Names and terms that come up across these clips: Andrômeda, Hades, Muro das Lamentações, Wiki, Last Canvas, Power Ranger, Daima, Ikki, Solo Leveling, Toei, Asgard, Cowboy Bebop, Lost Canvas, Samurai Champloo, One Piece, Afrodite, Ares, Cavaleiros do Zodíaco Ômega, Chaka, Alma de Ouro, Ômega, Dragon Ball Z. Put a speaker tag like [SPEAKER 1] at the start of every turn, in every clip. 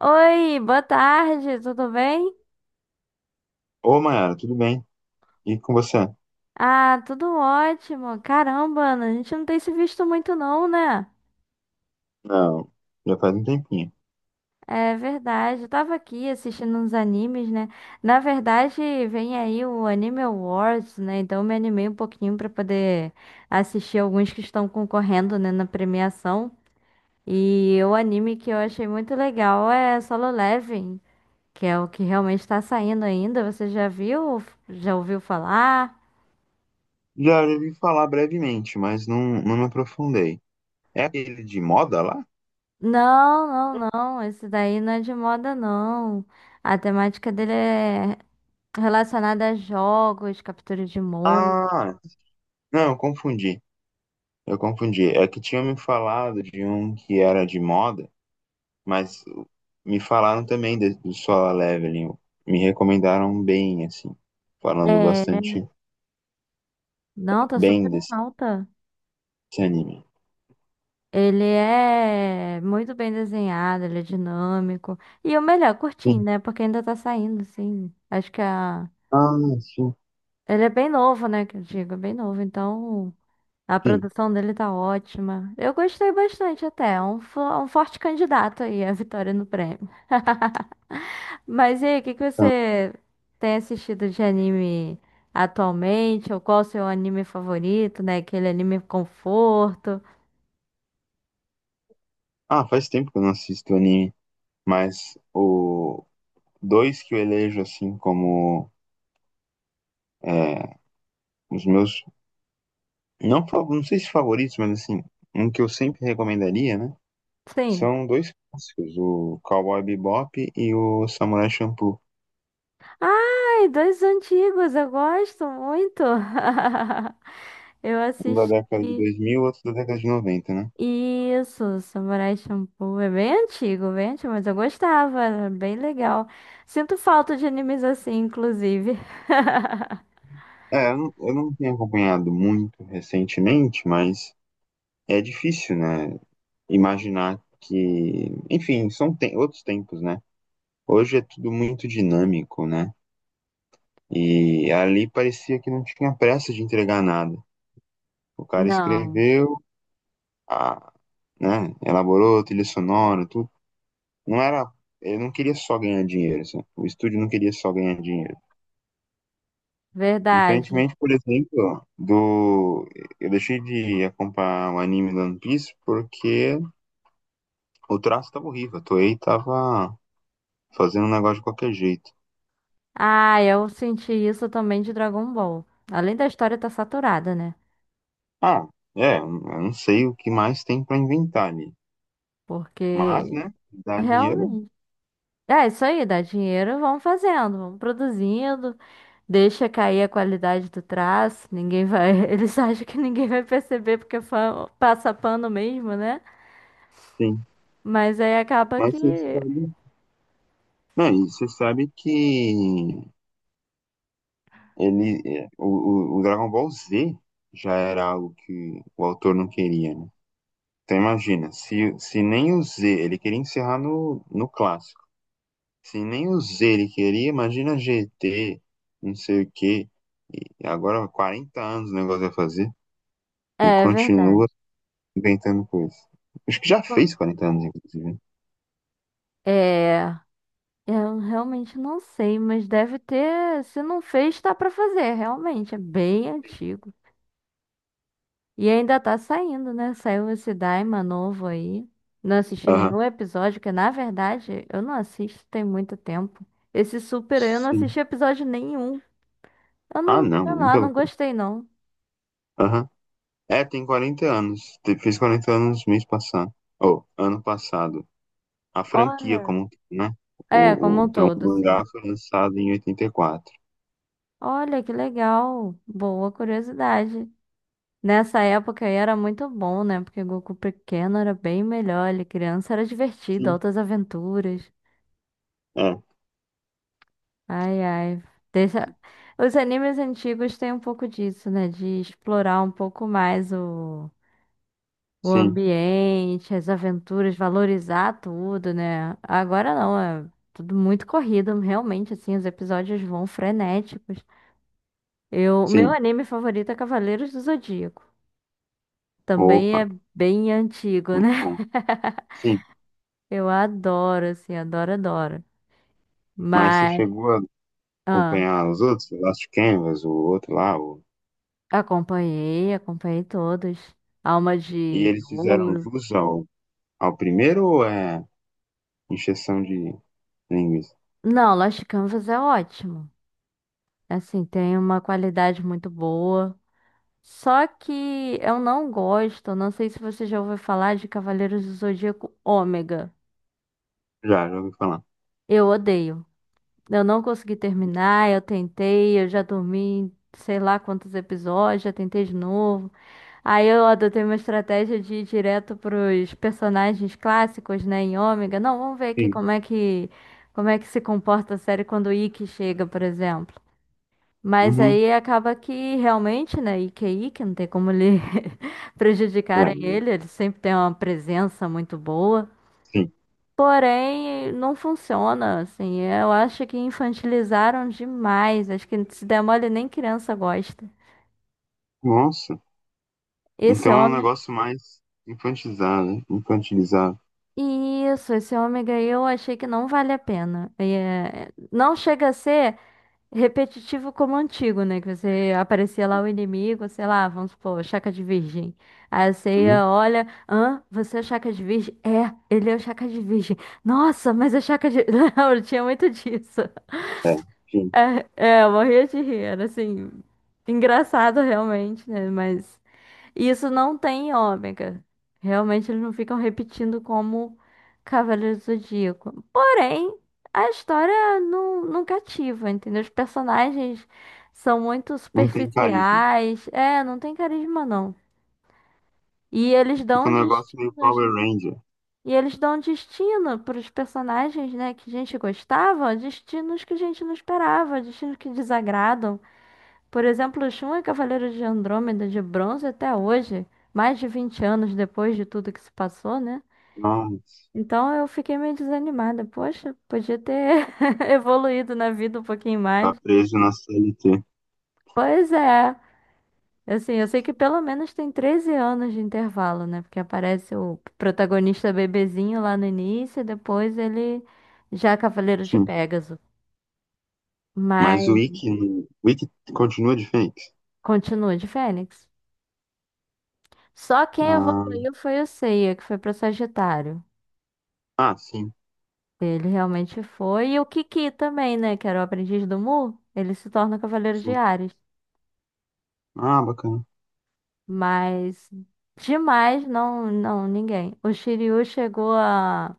[SPEAKER 1] Oi, boa tarde, tudo bem?
[SPEAKER 2] Ô, Mayara, tudo bem? E com você?
[SPEAKER 1] Ah, tudo ótimo. Caramba, Ana, a gente não tem se visto muito não, né?
[SPEAKER 2] Não, já faz um tempinho.
[SPEAKER 1] É verdade, eu tava aqui assistindo uns animes, né? Na verdade, vem aí o Anime Awards, né? Então eu me animei um pouquinho pra poder assistir alguns que estão concorrendo, né, na premiação. E o anime que eu achei muito legal é Solo Leveling, que é o que realmente tá saindo ainda. Você já viu? Já ouviu falar?
[SPEAKER 2] Já ouvi falar brevemente, mas não me aprofundei. É aquele de moda lá?
[SPEAKER 1] Não, não, não. Esse daí não é de moda, não. A temática dele é relacionada a jogos, captura de monstros.
[SPEAKER 2] Ah, não, eu confundi. Eu confundi. É que tinham me falado de um que era de moda, mas me falaram também do Solar Leveling. Me recomendaram bem, assim, falando
[SPEAKER 1] É,
[SPEAKER 2] bastante
[SPEAKER 1] não, tá super
[SPEAKER 2] bem
[SPEAKER 1] em alta.
[SPEAKER 2] desse anime.
[SPEAKER 1] Ele é muito bem desenhado, ele é dinâmico. E o melhor, curtinho,
[SPEAKER 2] Sim.
[SPEAKER 1] né? Porque ainda tá saindo, sim. Acho que a...
[SPEAKER 2] Ah, sim,
[SPEAKER 1] ele é bem novo, né? Que eu digo, é bem novo. Então, a
[SPEAKER 2] sim.
[SPEAKER 1] produção dele tá ótima. Eu gostei bastante até. É um, um forte candidato aí à vitória no prêmio. Mas e aí, o que que você tem assistido de anime atualmente? Ou qual o seu anime favorito, né? Aquele anime conforto.
[SPEAKER 2] Ah, faz tempo que eu não assisto anime, mas o dois que eu elejo assim como é, os meus, não, não sei se favoritos, mas assim, um que eu sempre recomendaria, né?
[SPEAKER 1] Sim.
[SPEAKER 2] São dois clássicos, o Cowboy Bebop e o Samurai Champloo.
[SPEAKER 1] Ai, dois antigos, eu gosto muito. Eu
[SPEAKER 2] Um da década de
[SPEAKER 1] assisti
[SPEAKER 2] 2000, outro da década de 90, né?
[SPEAKER 1] isso, Samurai Champloo. É bem antigo, mas eu gostava, era bem legal. Sinto falta de animes assim, inclusive.
[SPEAKER 2] É, eu não tenho acompanhado muito recentemente, mas é difícil, né? Imaginar que. Enfim, são outros tempos, né? Hoje é tudo muito dinâmico, né? E ali parecia que não tinha pressa de entregar nada. O cara
[SPEAKER 1] Não,
[SPEAKER 2] escreveu, a, né, elaborou trilha sonora, tudo. Não era, ele não queria só ganhar dinheiro, sabe? O estúdio não queria só ganhar dinheiro.
[SPEAKER 1] verdade.
[SPEAKER 2] Diferentemente, por exemplo, do... Eu deixei de acompanhar o anime do One Piece porque o traço tava horrível, a Toei tava fazendo um negócio de qualquer jeito.
[SPEAKER 1] Ah, eu senti isso também de Dragon Ball. Além da história estar saturada, né?
[SPEAKER 2] Ah, é, eu não sei o que mais tem pra inventar ali. Mas,
[SPEAKER 1] Porque
[SPEAKER 2] né, dá dinheiro,
[SPEAKER 1] realmente. É isso aí, dá dinheiro, vamos fazendo, vamos produzindo, deixa cair a qualidade do traço, ninguém vai. Eles acham que ninguém vai perceber porque passa pano mesmo, né?
[SPEAKER 2] sim.
[SPEAKER 1] Mas aí acaba que.
[SPEAKER 2] Mas você sabe, não, e você sabe que... Ele, é, o Dragon Ball Z já era algo que o autor não queria, né? Então imagina, se nem o Z, ele queria encerrar no clássico. Se nem o Z ele queria, imagina GT, não sei o quê. E agora 40 anos o negócio vai fazer e
[SPEAKER 1] É
[SPEAKER 2] continua
[SPEAKER 1] verdade.
[SPEAKER 2] inventando coisa. Acho que já
[SPEAKER 1] Bom,
[SPEAKER 2] fez 40 anos, inclusive, né?
[SPEAKER 1] é. Eu realmente não sei, mas deve ter. Se não fez, tá pra fazer, realmente. É bem antigo. E ainda tá saindo, né? Saiu esse Daima novo aí. Não assisti
[SPEAKER 2] Aham.
[SPEAKER 1] nenhum episódio, que na verdade eu não assisto tem muito tempo. Esse Super aí, eu não
[SPEAKER 2] Sim.
[SPEAKER 1] assisti episódio nenhum. Eu
[SPEAKER 2] Ah,
[SPEAKER 1] não,
[SPEAKER 2] não,
[SPEAKER 1] sei lá,
[SPEAKER 2] muita
[SPEAKER 1] não
[SPEAKER 2] loucura.
[SPEAKER 1] gostei não.
[SPEAKER 2] Aham. É, tem 40 anos. Fez 40 anos mês passado. Ou ano passado. A franquia como
[SPEAKER 1] Olha.
[SPEAKER 2] um todo, né?
[SPEAKER 1] É, como um
[SPEAKER 2] Então, o
[SPEAKER 1] todo,
[SPEAKER 2] mangá
[SPEAKER 1] sim.
[SPEAKER 2] foi lançado em 84.
[SPEAKER 1] Olha, que legal. Boa curiosidade. Nessa época aí era muito bom, né? Porque Goku pequeno era bem melhor. Ele criança era divertido,
[SPEAKER 2] Sim,
[SPEAKER 1] altas aventuras.
[SPEAKER 2] é,
[SPEAKER 1] Ai, ai. Deixa... Os animes antigos têm um pouco disso, né? De explorar um pouco mais o
[SPEAKER 2] sim,
[SPEAKER 1] ambiente, as aventuras, valorizar tudo, né? Agora não, é tudo muito corrido, realmente, assim, os episódios vão frenéticos. Eu... Meu
[SPEAKER 2] sim.
[SPEAKER 1] anime favorito é Cavaleiros do Zodíaco. Também é
[SPEAKER 2] Opa,
[SPEAKER 1] bem antigo,
[SPEAKER 2] muito
[SPEAKER 1] né?
[SPEAKER 2] bom. Sim,
[SPEAKER 1] Eu adoro, assim, adoro, adoro.
[SPEAKER 2] mas você
[SPEAKER 1] Mas.
[SPEAKER 2] chegou a
[SPEAKER 1] Ah.
[SPEAKER 2] acompanhar os outros, o Last Canvas, o outro lá, o...
[SPEAKER 1] Acompanhei, acompanhei todos. Alma
[SPEAKER 2] E
[SPEAKER 1] de
[SPEAKER 2] eles fizeram
[SPEAKER 1] Ouro.
[SPEAKER 2] jus ao, ao primeiro ou é encheção de linguiça?
[SPEAKER 1] Não, Lost Canvas é ótimo. Assim, tem uma qualidade muito boa. Só que eu não gosto, não sei se você já ouviu falar de Cavaleiros do Zodíaco Ômega.
[SPEAKER 2] Já, já ouvi falar.
[SPEAKER 1] Eu odeio. Eu não consegui terminar, eu tentei, eu já dormi, sei lá quantos episódios, já tentei de novo. Aí eu adotei uma estratégia de ir direto pros personagens clássicos, né, em Ômega. Não, vamos ver aqui
[SPEAKER 2] Sim,
[SPEAKER 1] como é que se comporta a série quando o Ikki chega, por exemplo. Mas
[SPEAKER 2] uhum.
[SPEAKER 1] aí acaba que realmente, né, Ikki é Ikki, não tem como lhe
[SPEAKER 2] É,
[SPEAKER 1] prejudicarem ele, ele sempre tem uma presença muito boa.
[SPEAKER 2] sim.
[SPEAKER 1] Porém, não funciona, assim. Eu acho que infantilizaram demais. Acho que se der mole, nem criança gosta.
[SPEAKER 2] Nossa,
[SPEAKER 1] Esse
[SPEAKER 2] então é um
[SPEAKER 1] homem
[SPEAKER 2] negócio mais infantilizado, né? Infantilizado.
[SPEAKER 1] isso, esse ômega eu achei que não vale a pena. É, não chega a ser repetitivo como o antigo, né? Que você aparecia lá o inimigo, sei lá, vamos supor, Chaka de Virgem. Aí você
[SPEAKER 2] Uhum.
[SPEAKER 1] ia, olha, hã? Você é o Chaka de Virgem? É, ele é o Chaka de Virgem. Nossa, mas é Chaka de. Não, eu tinha muito disso.
[SPEAKER 2] É, sim.
[SPEAKER 1] É, eu morria de rir, era assim, engraçado realmente, né? Mas. E isso não tem em ômega. Realmente eles não ficam repetindo como Cavaleiro do Zodíaco. Porém, a história não cativa, entendeu? Os personagens são muito
[SPEAKER 2] Não tem carisma.
[SPEAKER 1] superficiais. É, não tem carisma, não. E eles dão
[SPEAKER 2] Fica
[SPEAKER 1] um
[SPEAKER 2] um negócio meio
[SPEAKER 1] destinos,
[SPEAKER 2] Power
[SPEAKER 1] né?
[SPEAKER 2] Ranger.
[SPEAKER 1] E eles dão um destino para os personagens, né, que a gente gostava, destinos que a gente não esperava, destinos que desagradam. Por exemplo, Shun é Cavaleiro de Andrômeda de bronze até hoje, mais de 20 anos depois de tudo que se passou, né?
[SPEAKER 2] Não,
[SPEAKER 1] Então eu fiquei meio desanimada. Poxa, podia ter evoluído na vida um pouquinho
[SPEAKER 2] tá
[SPEAKER 1] mais.
[SPEAKER 2] preso na CLT.
[SPEAKER 1] Pois é. Assim, eu sei que pelo menos tem 13 anos de intervalo, né? Porque aparece o protagonista bebezinho lá no início, e depois ele já é Cavaleiro de
[SPEAKER 2] Sim.
[SPEAKER 1] Pégaso.
[SPEAKER 2] Mas
[SPEAKER 1] Mas
[SPEAKER 2] O Wiki continua de fake.
[SPEAKER 1] continua de Fênix. Só quem
[SPEAKER 2] Ah,
[SPEAKER 1] evoluiu foi o Seiya, que foi para Sagitário.
[SPEAKER 2] ah, sim,
[SPEAKER 1] Ele realmente foi. E o Kiki também, né? Que era o aprendiz do Mu. Ele se torna Cavaleiro de
[SPEAKER 2] sim.
[SPEAKER 1] Ares.
[SPEAKER 2] Ah, bacana.
[SPEAKER 1] Mas demais, não, não, ninguém. O Shiryu chegou a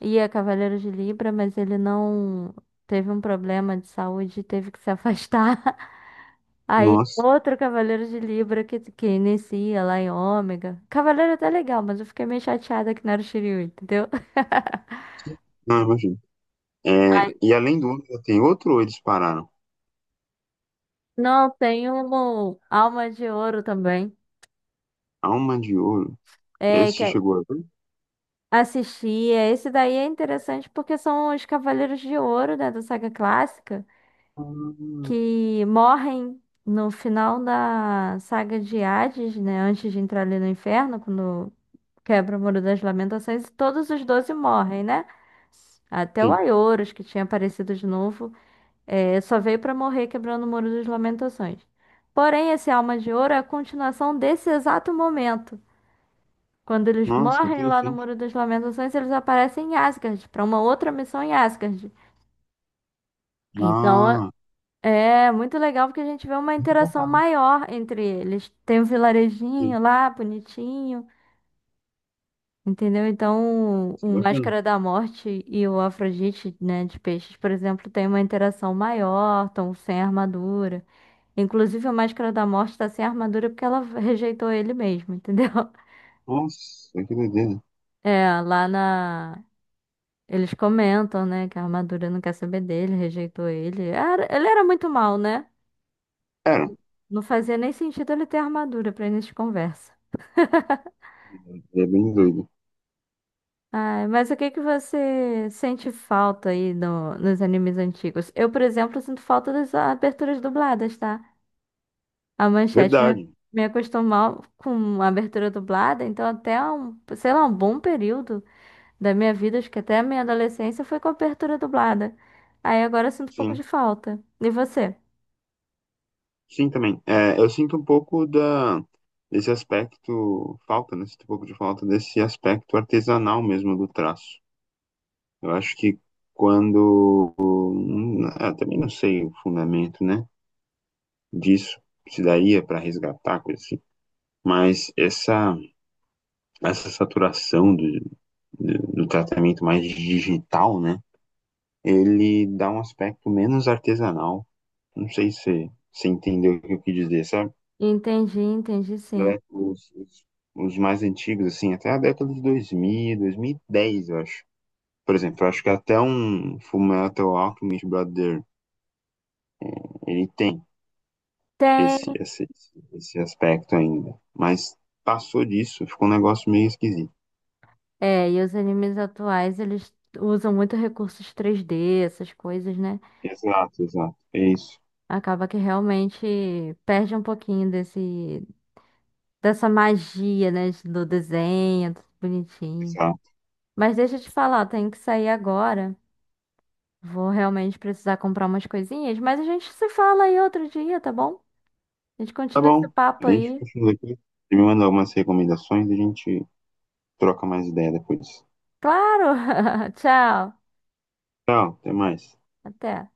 [SPEAKER 1] ir a Cavaleiro de Libra, mas ele não teve um problema de saúde e teve que se afastar. Aí
[SPEAKER 2] Nossa,
[SPEAKER 1] outro Cavaleiro de Libra que inicia lá em Ômega. Cavaleiro é até legal, mas eu fiquei meio chateada que não era o Shiryu, entendeu?
[SPEAKER 2] não imagino. É,
[SPEAKER 1] Aí
[SPEAKER 2] e além do Ômega, tem outro ou eles pararam?
[SPEAKER 1] não, tem um alma de ouro também.
[SPEAKER 2] Alma de Ouro.
[SPEAKER 1] É, que
[SPEAKER 2] Esse
[SPEAKER 1] é
[SPEAKER 2] chegou a ver?
[SPEAKER 1] assistia. Esse daí é interessante porque são os Cavaleiros de Ouro, né, da saga clássica,
[SPEAKER 2] Ah,
[SPEAKER 1] que morrem no final da saga de Hades, né, antes de entrar ali no inferno, quando quebra o Muro das Lamentações, e todos os 12 morrem, né? Até o
[SPEAKER 2] sim.
[SPEAKER 1] Aioros, que tinha aparecido de novo, é, só veio para morrer quebrando o Muro das Lamentações. Porém, esse Alma de Ouro é a continuação desse exato momento. Quando eles
[SPEAKER 2] Nossa, que
[SPEAKER 1] morrem lá no
[SPEAKER 2] interessante.
[SPEAKER 1] Muro das Lamentações, eles aparecem em Asgard, para uma outra missão em Asgard. Então
[SPEAKER 2] Ah,
[SPEAKER 1] é muito legal porque a gente vê uma
[SPEAKER 2] muito
[SPEAKER 1] interação
[SPEAKER 2] bacana.
[SPEAKER 1] maior entre eles. Tem um
[SPEAKER 2] Sim,
[SPEAKER 1] vilarejinho lá, bonitinho, entendeu? Então
[SPEAKER 2] isso é
[SPEAKER 1] o
[SPEAKER 2] bacana.
[SPEAKER 1] Máscara da Morte e o Afrodite, né, de peixes, por exemplo, tem uma interação maior, estão sem armadura. Inclusive, a Máscara da Morte está sem armadura porque ela rejeitou ele mesmo, entendeu?
[SPEAKER 2] Nossa, que doideira.
[SPEAKER 1] É, eles comentam, né, que a armadura não quer saber dele, rejeitou ele. Ele era muito mal, né?
[SPEAKER 2] Era,
[SPEAKER 1] Não fazia nem sentido ele ter armadura pra início de conversa.
[SPEAKER 2] é bem doido.
[SPEAKER 1] Ai, mas o que que você sente falta aí nos animes antigos? Eu, por exemplo, sinto falta das aberturas dubladas, tá? A Manchete me,
[SPEAKER 2] Verdade.
[SPEAKER 1] me acostumou com a abertura dublada, então até um, sei lá, um bom período da minha vida, acho que até a minha adolescência foi com a abertura dublada. Aí agora eu sinto um pouco
[SPEAKER 2] Sim.
[SPEAKER 1] de falta. E você?
[SPEAKER 2] Sim, também. É, eu sinto um pouco desse aspecto, falta, né? Sinto um pouco de falta desse aspecto artesanal mesmo do traço. Eu acho que quando, eu também não sei o fundamento, né, disso, se daria para resgatar, coisa assim. Mas essa saturação do tratamento mais digital, né, ele dá um aspecto menos artesanal. Não sei se você entendeu o que eu quis dizer, sabe?
[SPEAKER 1] Entendi, entendi sim.
[SPEAKER 2] Né, os mais antigos, assim, até a década de 2000, 2010, eu acho. Por exemplo, eu acho que até um Fullmetal Alchemist Brother, ele tem esse,
[SPEAKER 1] Tem.
[SPEAKER 2] esse, esse aspecto ainda. Mas passou disso, ficou um negócio meio esquisito.
[SPEAKER 1] É, e os animes atuais, eles usam muito recursos 3D, essas coisas, né?
[SPEAKER 2] Exato, exato. É isso.
[SPEAKER 1] Acaba que realmente perde um pouquinho desse, dessa magia, né? Do desenho, tudo bonitinho.
[SPEAKER 2] Exato.
[SPEAKER 1] Mas deixa eu te falar, eu tenho que sair agora. Vou realmente precisar comprar umas coisinhas, mas a gente se fala aí outro dia, tá bom? A gente
[SPEAKER 2] Tá
[SPEAKER 1] continua esse
[SPEAKER 2] bom.
[SPEAKER 1] papo
[SPEAKER 2] A gente
[SPEAKER 1] aí.
[SPEAKER 2] continua aqui. Você me manda algumas recomendações e a gente troca mais ideia depois.
[SPEAKER 1] Claro! Tchau!
[SPEAKER 2] Tchau, até mais.
[SPEAKER 1] Até!